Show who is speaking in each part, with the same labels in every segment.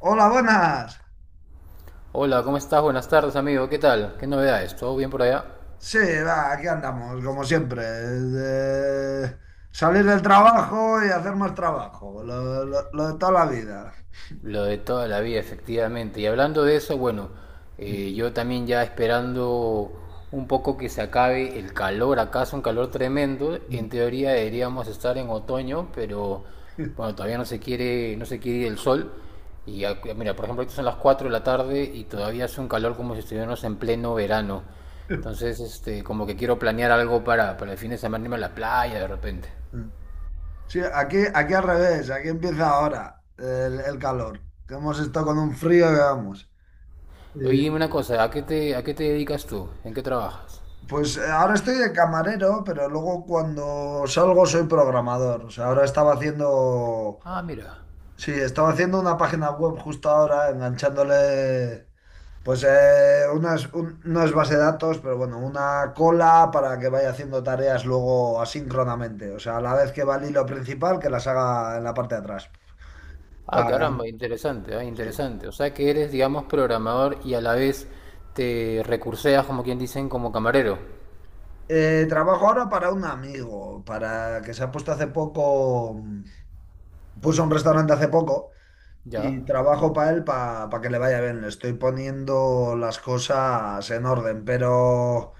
Speaker 1: Hola, buenas.
Speaker 2: Hola, ¿cómo estás? Buenas tardes, amigo. ¿Qué tal? ¿Qué novedades? ¿Todo bien por allá?
Speaker 1: Sí, va, aquí andamos, como siempre. De salir del trabajo y hacer más trabajo. Lo de toda la vida.
Speaker 2: Lo de toda la vida, efectivamente. Y hablando de eso, bueno,
Speaker 1: Mm,
Speaker 2: yo también ya esperando un poco que se acabe el calor. Acá es un calor tremendo. En
Speaker 1: mm.
Speaker 2: teoría deberíamos estar en otoño, pero bueno, todavía no se quiere ir el sol. Mira, por ejemplo, ahorita son las 4 de la tarde y todavía hace un calor como si estuviéramos en pleno verano. Entonces, este, como que quiero planear algo para el fin de semana irme a la playa de repente.
Speaker 1: Sí, aquí, aquí al revés, aquí empieza ahora el calor. Que hemos estado con un frío que vamos. Y,
Speaker 2: Oye, dime una cosa, ¿a qué te dedicas tú? ¿En qué trabajas?
Speaker 1: pues ahora estoy de camarero, pero luego cuando salgo soy programador. O sea, ahora estaba haciendo.
Speaker 2: Ah, mira.
Speaker 1: Sí, estaba haciendo una página web justo ahora, enganchándole, pues unas, no es base de datos, pero bueno, una cola para que vaya haciendo tareas luego asíncronamente. O sea, a la vez que va el hilo principal, que las haga en la parte de atrás.
Speaker 2: Ah, caramba,
Speaker 1: Pagan.
Speaker 2: interesante, ah,
Speaker 1: Sí.
Speaker 2: interesante. O sea que eres, digamos, programador y a la vez te recurseas, como quien dicen, como camarero.
Speaker 1: Trabajo ahora para un amigo, para que se ha puesto hace poco, puso un restaurante hace poco
Speaker 2: Ya,
Speaker 1: y trabajo para él para que le vaya bien. Le estoy poniendo las cosas en orden, pero...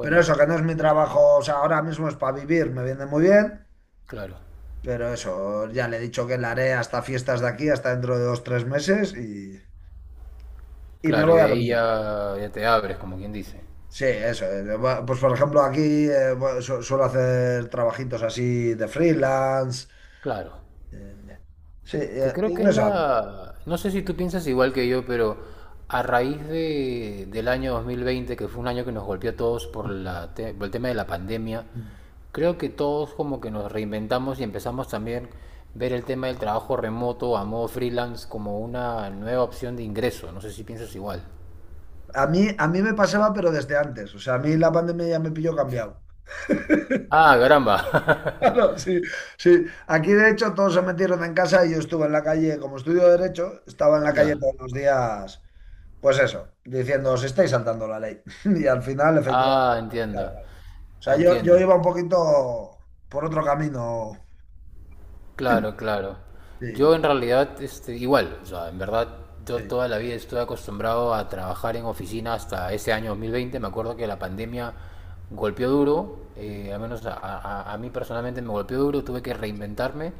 Speaker 1: Pero eso, que no es mi trabajo, o sea, ahora mismo es para vivir, me viene muy bien,
Speaker 2: claro.
Speaker 1: pero eso, ya le he dicho que la haré hasta fiestas de aquí, hasta dentro de dos, tres meses y me
Speaker 2: Claro, y
Speaker 1: voy
Speaker 2: de
Speaker 1: a lo
Speaker 2: ahí
Speaker 1: mío.
Speaker 2: ya, ya te abres, como quien dice.
Speaker 1: Sí, eso. Pues por ejemplo, aquí bueno, suelo hacer trabajitos así de freelance.
Speaker 2: Claro.
Speaker 1: eh, sí,
Speaker 2: Que
Speaker 1: y
Speaker 2: creo que
Speaker 1: en
Speaker 2: es
Speaker 1: eso ando.
Speaker 2: la... No sé si tú piensas igual que yo, pero a raíz del año 2020, que fue un año que nos golpeó a todos por el tema de la pandemia, creo que todos como que nos reinventamos y empezamos también ver el tema del trabajo remoto a modo freelance como una nueva opción de ingreso. No sé si piensas igual.
Speaker 1: A mí me pasaba, pero desde antes. O sea, a mí la pandemia ya me pilló cambiado.
Speaker 2: Ah, caramba.
Speaker 1: Claro, sí, sí. Aquí de hecho todos se metieron en casa y yo estuve en la calle, como estudio de derecho, estaba en la calle
Speaker 2: Ya.
Speaker 1: todos los días, pues eso, diciendo, os estáis saltando la ley. Y al final, efectivamente,
Speaker 2: Ah,
Speaker 1: claro,
Speaker 2: entiendo.
Speaker 1: claro. O
Speaker 2: Ah,
Speaker 1: sea, yo
Speaker 2: entiendo.
Speaker 1: iba un poquito por otro camino.
Speaker 2: Claro, claro. Yo
Speaker 1: Sí,
Speaker 2: en realidad, este, igual, o sea, en verdad, yo
Speaker 1: sí,
Speaker 2: toda la vida estoy acostumbrado a trabajar en oficina hasta ese año 2020. Me acuerdo que la pandemia golpeó duro,
Speaker 1: sí.
Speaker 2: al menos a mí personalmente me golpeó duro, tuve que reinventarme.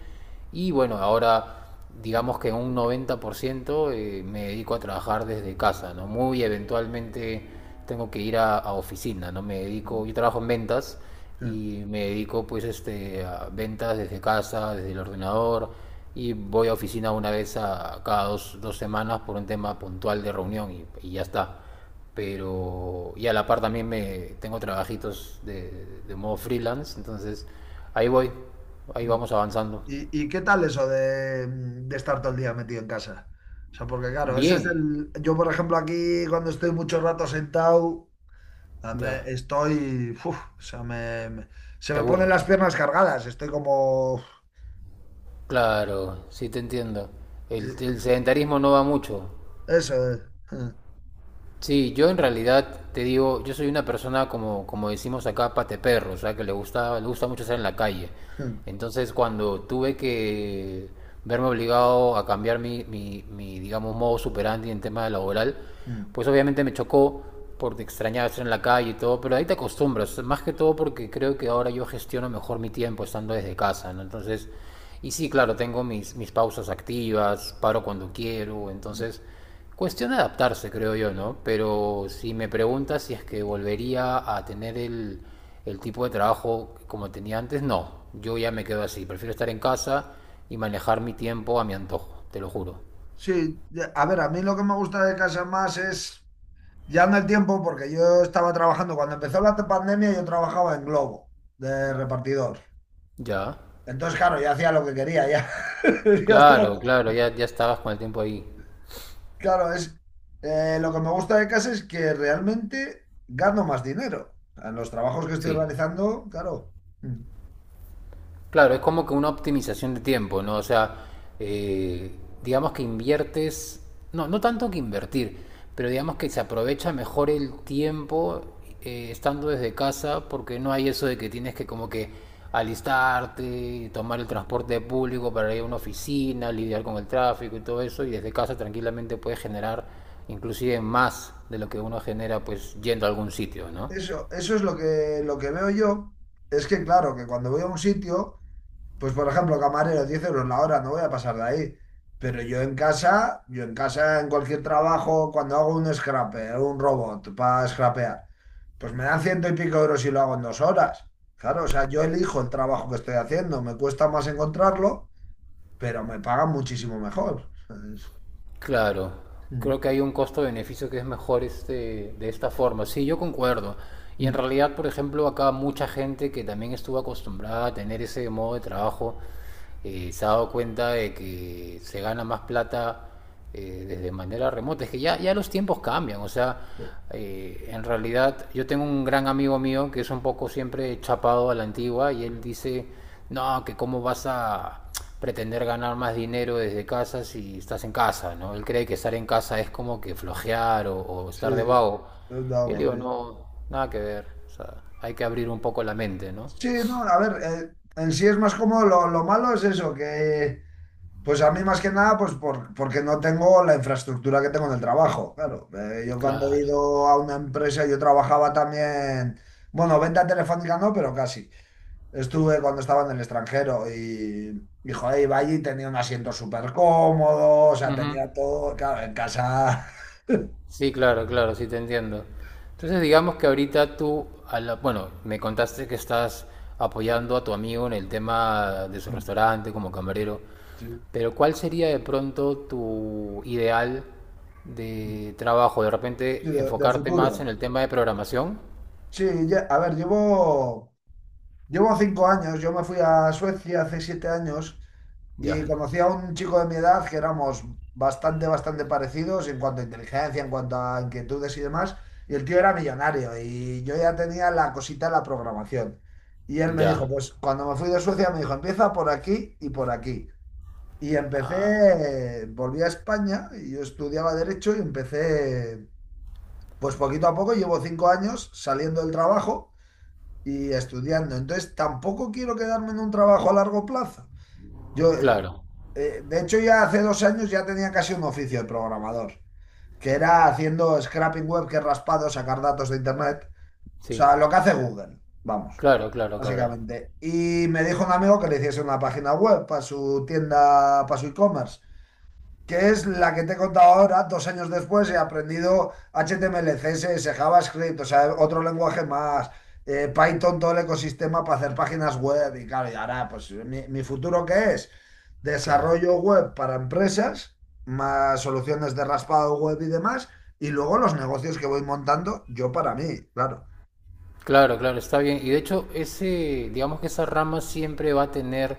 Speaker 2: Y bueno, ahora digamos que en un 90% me dedico a trabajar desde casa, ¿no? Muy eventualmente tengo que ir a oficina, ¿no? Me
Speaker 1: Sí,
Speaker 2: dedico, yo trabajo en ventas
Speaker 1: sí.
Speaker 2: y me dedico pues este, a ventas desde casa, desde el ordenador y voy a oficina una vez a cada 2 semanas por un tema puntual de reunión y ya está. Pero y a la par también me tengo trabajitos de modo freelance, entonces ahí voy,
Speaker 1: Sí.
Speaker 2: ahí vamos avanzando.
Speaker 1: Y qué tal eso de estar todo el día metido en casa? O sea, porque claro, eso es
Speaker 2: Bien,
Speaker 1: el... Yo, por ejemplo, aquí cuando estoy mucho rato sentado... Sea,
Speaker 2: ya,
Speaker 1: estoy, uf, o sea, me, se
Speaker 2: te
Speaker 1: me ponen las
Speaker 2: aburres.
Speaker 1: piernas cargadas, estoy como, uf,
Speaker 2: Claro, sí te entiendo.
Speaker 1: eh,
Speaker 2: El sedentarismo no va mucho.
Speaker 1: eso.
Speaker 2: Sí, yo en realidad te digo, yo soy una persona como, como decimos acá, pateperro, o sea, que le gusta mucho estar en la calle. Entonces, cuando tuve que verme obligado a cambiar mi, digamos, modo superandi en tema laboral,
Speaker 1: Mm,
Speaker 2: pues obviamente me chocó porque extrañaba estar en la calle y todo, pero ahí te acostumbras, más que todo porque creo que ahora yo gestiono mejor mi tiempo estando desde casa, ¿no? Entonces, y sí, claro, tengo mis pausas activas, paro cuando quiero,
Speaker 1: mm.
Speaker 2: entonces cuestión de adaptarse, creo yo, ¿no? Pero si me preguntas si es que volvería a tener el tipo de trabajo como tenía antes, no. Yo ya me quedo así. Prefiero estar en casa y manejar mi tiempo a mi antojo, te lo juro.
Speaker 1: Sí, a ver, a mí lo que me gusta de casa más es, ya no el tiempo, porque yo estaba trabajando, cuando empezó la pandemia yo trabajaba en Globo, de repartidor.
Speaker 2: Ya.
Speaker 1: Entonces, claro, ya hacía lo que quería, ya. Ya
Speaker 2: Claro,
Speaker 1: estaba-
Speaker 2: claro, ya, ya estabas con el tiempo ahí.
Speaker 1: Claro, es, lo que me gusta de casa es que realmente gano más dinero. En los trabajos que estoy
Speaker 2: Sí.
Speaker 1: realizando, claro.
Speaker 2: Claro, es como que una optimización de tiempo, ¿no? O sea, eh, digamos que inviertes, no, no tanto que invertir, pero digamos que se aprovecha mejor el tiempo estando desde casa porque no hay eso de que tienes que como que alistarte, tomar el transporte público para ir a una oficina, lidiar con el tráfico y todo eso, y desde casa tranquilamente puedes generar inclusive más de lo que uno genera pues yendo a algún sitio, ¿no?
Speaker 1: Eso es lo que veo yo. Es que, claro, que cuando voy a un sitio, pues por ejemplo, camarero, 10 euros la hora, no voy a pasar de ahí. Pero yo en casa, en cualquier trabajo, cuando hago un scraper, un robot para scrapear, pues me dan ciento y pico euros y lo hago en 2 horas. Claro, o sea, yo elijo el trabajo que estoy haciendo, me cuesta más encontrarlo, pero me pagan muchísimo mejor.
Speaker 2: Claro, creo que hay un costo-beneficio que es mejor este, de esta forma. Sí, yo concuerdo. Y en realidad, por ejemplo, acá mucha gente que también estuvo acostumbrada a tener ese modo de trabajo, se ha dado cuenta de que se gana más plata desde manera remota. Es que ya, ya los tiempos cambian, o sea,
Speaker 1: Sí,
Speaker 2: en realidad yo tengo un gran amigo mío que es un poco siempre chapado a la antigua y él dice, no, que cómo vas a, pretender ganar más dinero desde casa si estás en casa, ¿no? Él cree que estar en casa es como que flojear o
Speaker 1: sí,
Speaker 2: estar de
Speaker 1: es
Speaker 2: vago. Yo le
Speaker 1: algo,
Speaker 2: digo,
Speaker 1: sí.
Speaker 2: no, nada que ver. O sea, hay que abrir un poco la mente, ¿no?
Speaker 1: Sí, no, a ver, en sí es más cómodo. Lo malo es eso, que pues a mí más que nada, pues porque no tengo la infraestructura que tengo en el trabajo. Claro. Yo cuando he
Speaker 2: Claro.
Speaker 1: ido a una empresa, yo trabajaba también, bueno, venta telefónica no, pero casi. Estuve cuando estaba en el extranjero y joder, iba allí, tenía un asiento súper cómodo, o sea,
Speaker 2: Ujú.
Speaker 1: tenía todo, claro, en casa,
Speaker 2: Sí, claro, claro, sí te entiendo. Entonces, digamos que ahorita tú, bueno, me contaste que estás apoyando a tu amigo en el tema de su restaurante como camarero.
Speaker 1: sí,
Speaker 2: Pero ¿cuál sería de pronto tu ideal de trabajo? De
Speaker 1: sí,
Speaker 2: repente
Speaker 1: de
Speaker 2: enfocarte
Speaker 1: futuro.
Speaker 2: más en el tema de programación.
Speaker 1: Sí, a ver, llevo 5 años, yo me fui a Suecia hace 7 años
Speaker 2: Ya,
Speaker 1: y conocí a un chico de mi edad que éramos bastante, bastante parecidos en cuanto a inteligencia, en cuanto a inquietudes y demás. Y el tío era millonario y yo ya tenía la cosita de la programación. Y él me dijo,
Speaker 2: ya.
Speaker 1: pues cuando me fui de Suecia me dijo, empieza por aquí. Y
Speaker 2: Ah,
Speaker 1: empecé, volví a España y yo estudiaba derecho y empecé, pues poquito a poco, llevo 5 años saliendo del trabajo y estudiando. Entonces, tampoco quiero quedarme en un trabajo a largo plazo. Yo,
Speaker 2: claro,
Speaker 1: de hecho, ya hace 2 años ya tenía casi un oficio de programador, que era haciendo scraping web, que es raspado, sacar datos de internet. O
Speaker 2: sí.
Speaker 1: sea, lo que hace Google, vamos,
Speaker 2: Claro, claro, claro.
Speaker 1: básicamente. Y me dijo un amigo que le hiciese una página web para su tienda, para su e-commerce que es la que te he contado ahora, 2 años después he aprendido HTML, CSS, JavaScript, o sea, otro lenguaje más, Python, todo el ecosistema para hacer páginas web y claro, y ahora, pues mi futuro qué es
Speaker 2: Claro.
Speaker 1: desarrollo web para empresas, más soluciones de raspado web y demás, y luego los negocios que voy montando yo para mí, claro.
Speaker 2: Claro, claro, está bien. Y de hecho, ese, digamos que esa rama siempre va a tener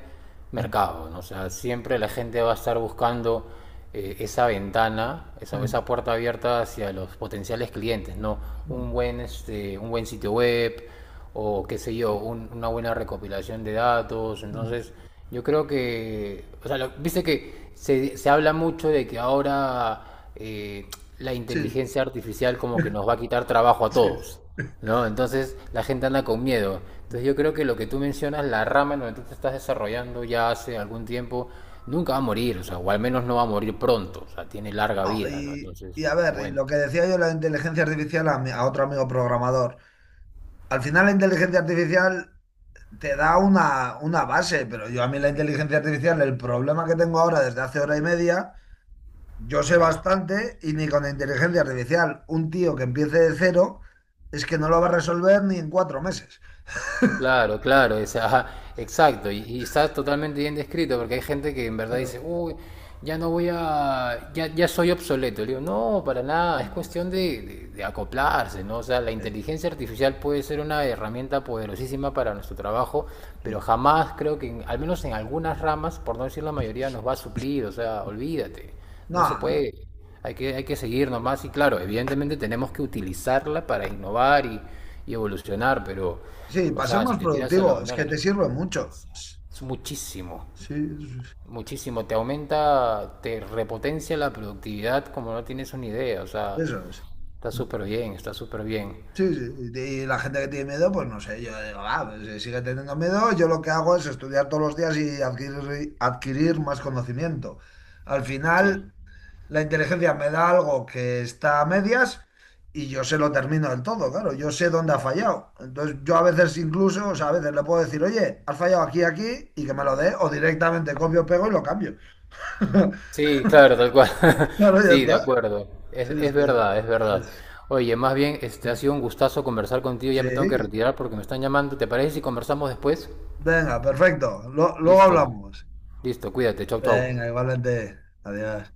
Speaker 1: Mm,
Speaker 2: mercado, ¿no? O sea, siempre la gente va a estar buscando esa ventana, esa,
Speaker 1: mm,
Speaker 2: esa puerta abierta hacia los potenciales clientes, ¿no?
Speaker 1: mm,
Speaker 2: Un buen, este, un buen sitio web, o qué sé yo, una buena recopilación de datos.
Speaker 1: mm.
Speaker 2: Entonces, yo creo que, o sea, lo- viste que se habla mucho de que ahora eh, la
Speaker 1: Sí,
Speaker 2: inteligencia artificial como que nos va a quitar trabajo a
Speaker 1: sí. Sí.
Speaker 2: todos, ¿no? Entonces, la gente anda con miedo. Entonces, yo creo que lo que tú mencionas, la rama en donde tú te estás desarrollando ya hace algún tiempo, nunca va a morir, o sea, o al menos no va a morir pronto, o sea, tiene larga
Speaker 1: No,
Speaker 2: vida, ¿no? Entonces,
Speaker 1: y a ver, y
Speaker 2: bueno,
Speaker 1: lo que decía yo, de la inteligencia artificial a, a otro amigo programador. Al final la inteligencia artificial te da una base, pero yo a mí la inteligencia artificial, el problema que tengo ahora desde hace hora y media, yo sé
Speaker 2: nada.
Speaker 1: bastante y ni con la inteligencia artificial un tío que empiece de cero es que no lo va a resolver ni en 4 meses.
Speaker 2: Claro, claro, es- ajá, exacto, y está totalmente bien descrito porque hay gente que en verdad
Speaker 1: Pero-
Speaker 2: dice, uy, ya no voy a, ya, ya soy obsoleto. Le digo, no, para nada, es cuestión de acoplarse, ¿no? O sea, la
Speaker 1: eh,
Speaker 2: inteligencia artificial puede ser una herramienta poderosísima para nuestro trabajo, pero
Speaker 1: sí.
Speaker 2: jamás creo que, en- al menos en algunas ramas, por no decir la mayoría, nos va a suplir, o sea, olvídate. No se
Speaker 1: No,
Speaker 2: puede, hay que seguir nomás y claro, evidentemente tenemos que utilizarla para innovar y evolucionar, pero,
Speaker 1: sí,
Speaker 2: o
Speaker 1: para ser
Speaker 2: sea, si
Speaker 1: más
Speaker 2: te tiras a la
Speaker 1: productivo, es que
Speaker 2: bandera,
Speaker 1: te
Speaker 2: no,
Speaker 1: sirve mucho.
Speaker 2: es muchísimo,
Speaker 1: Sí,
Speaker 2: muchísimo, te aumenta, te repotencia la productividad como no tienes una idea, o sea,
Speaker 1: eso es.
Speaker 2: está súper bien,
Speaker 1: Sí, sí, y la gente que tiene miedo, pues no sé, yo digo, ah, pues si sigue teniendo miedo, yo lo que hago es estudiar todos los días y adquirir, adquirir más conocimiento. Al
Speaker 2: sí.
Speaker 1: final, la inteligencia me da algo que está a medias y yo se lo termino del todo, claro, yo sé dónde ha fallado. Entonces, yo a veces incluso, o sea, a veces le puedo decir, oye, has fallado aquí, aquí, y que me lo dé, o directamente copio, pego y lo cambio.
Speaker 2: Sí, claro, tal cual.
Speaker 1: Claro, ya
Speaker 2: Sí, de
Speaker 1: está.
Speaker 2: acuerdo.
Speaker 1: Sí, es
Speaker 2: Es
Speaker 1: que...
Speaker 2: verdad, es verdad.
Speaker 1: es-
Speaker 2: Oye, más bien, este ha sido un gustazo conversar contigo. Ya
Speaker 1: Sí,
Speaker 2: me tengo que retirar porque me están llamando. ¿Te parece si conversamos después?
Speaker 1: venga, perfecto. Luego
Speaker 2: Listo,
Speaker 1: hablamos.
Speaker 2: listo, cuídate, chau, chau.
Speaker 1: Venga, igualmente. Adiós.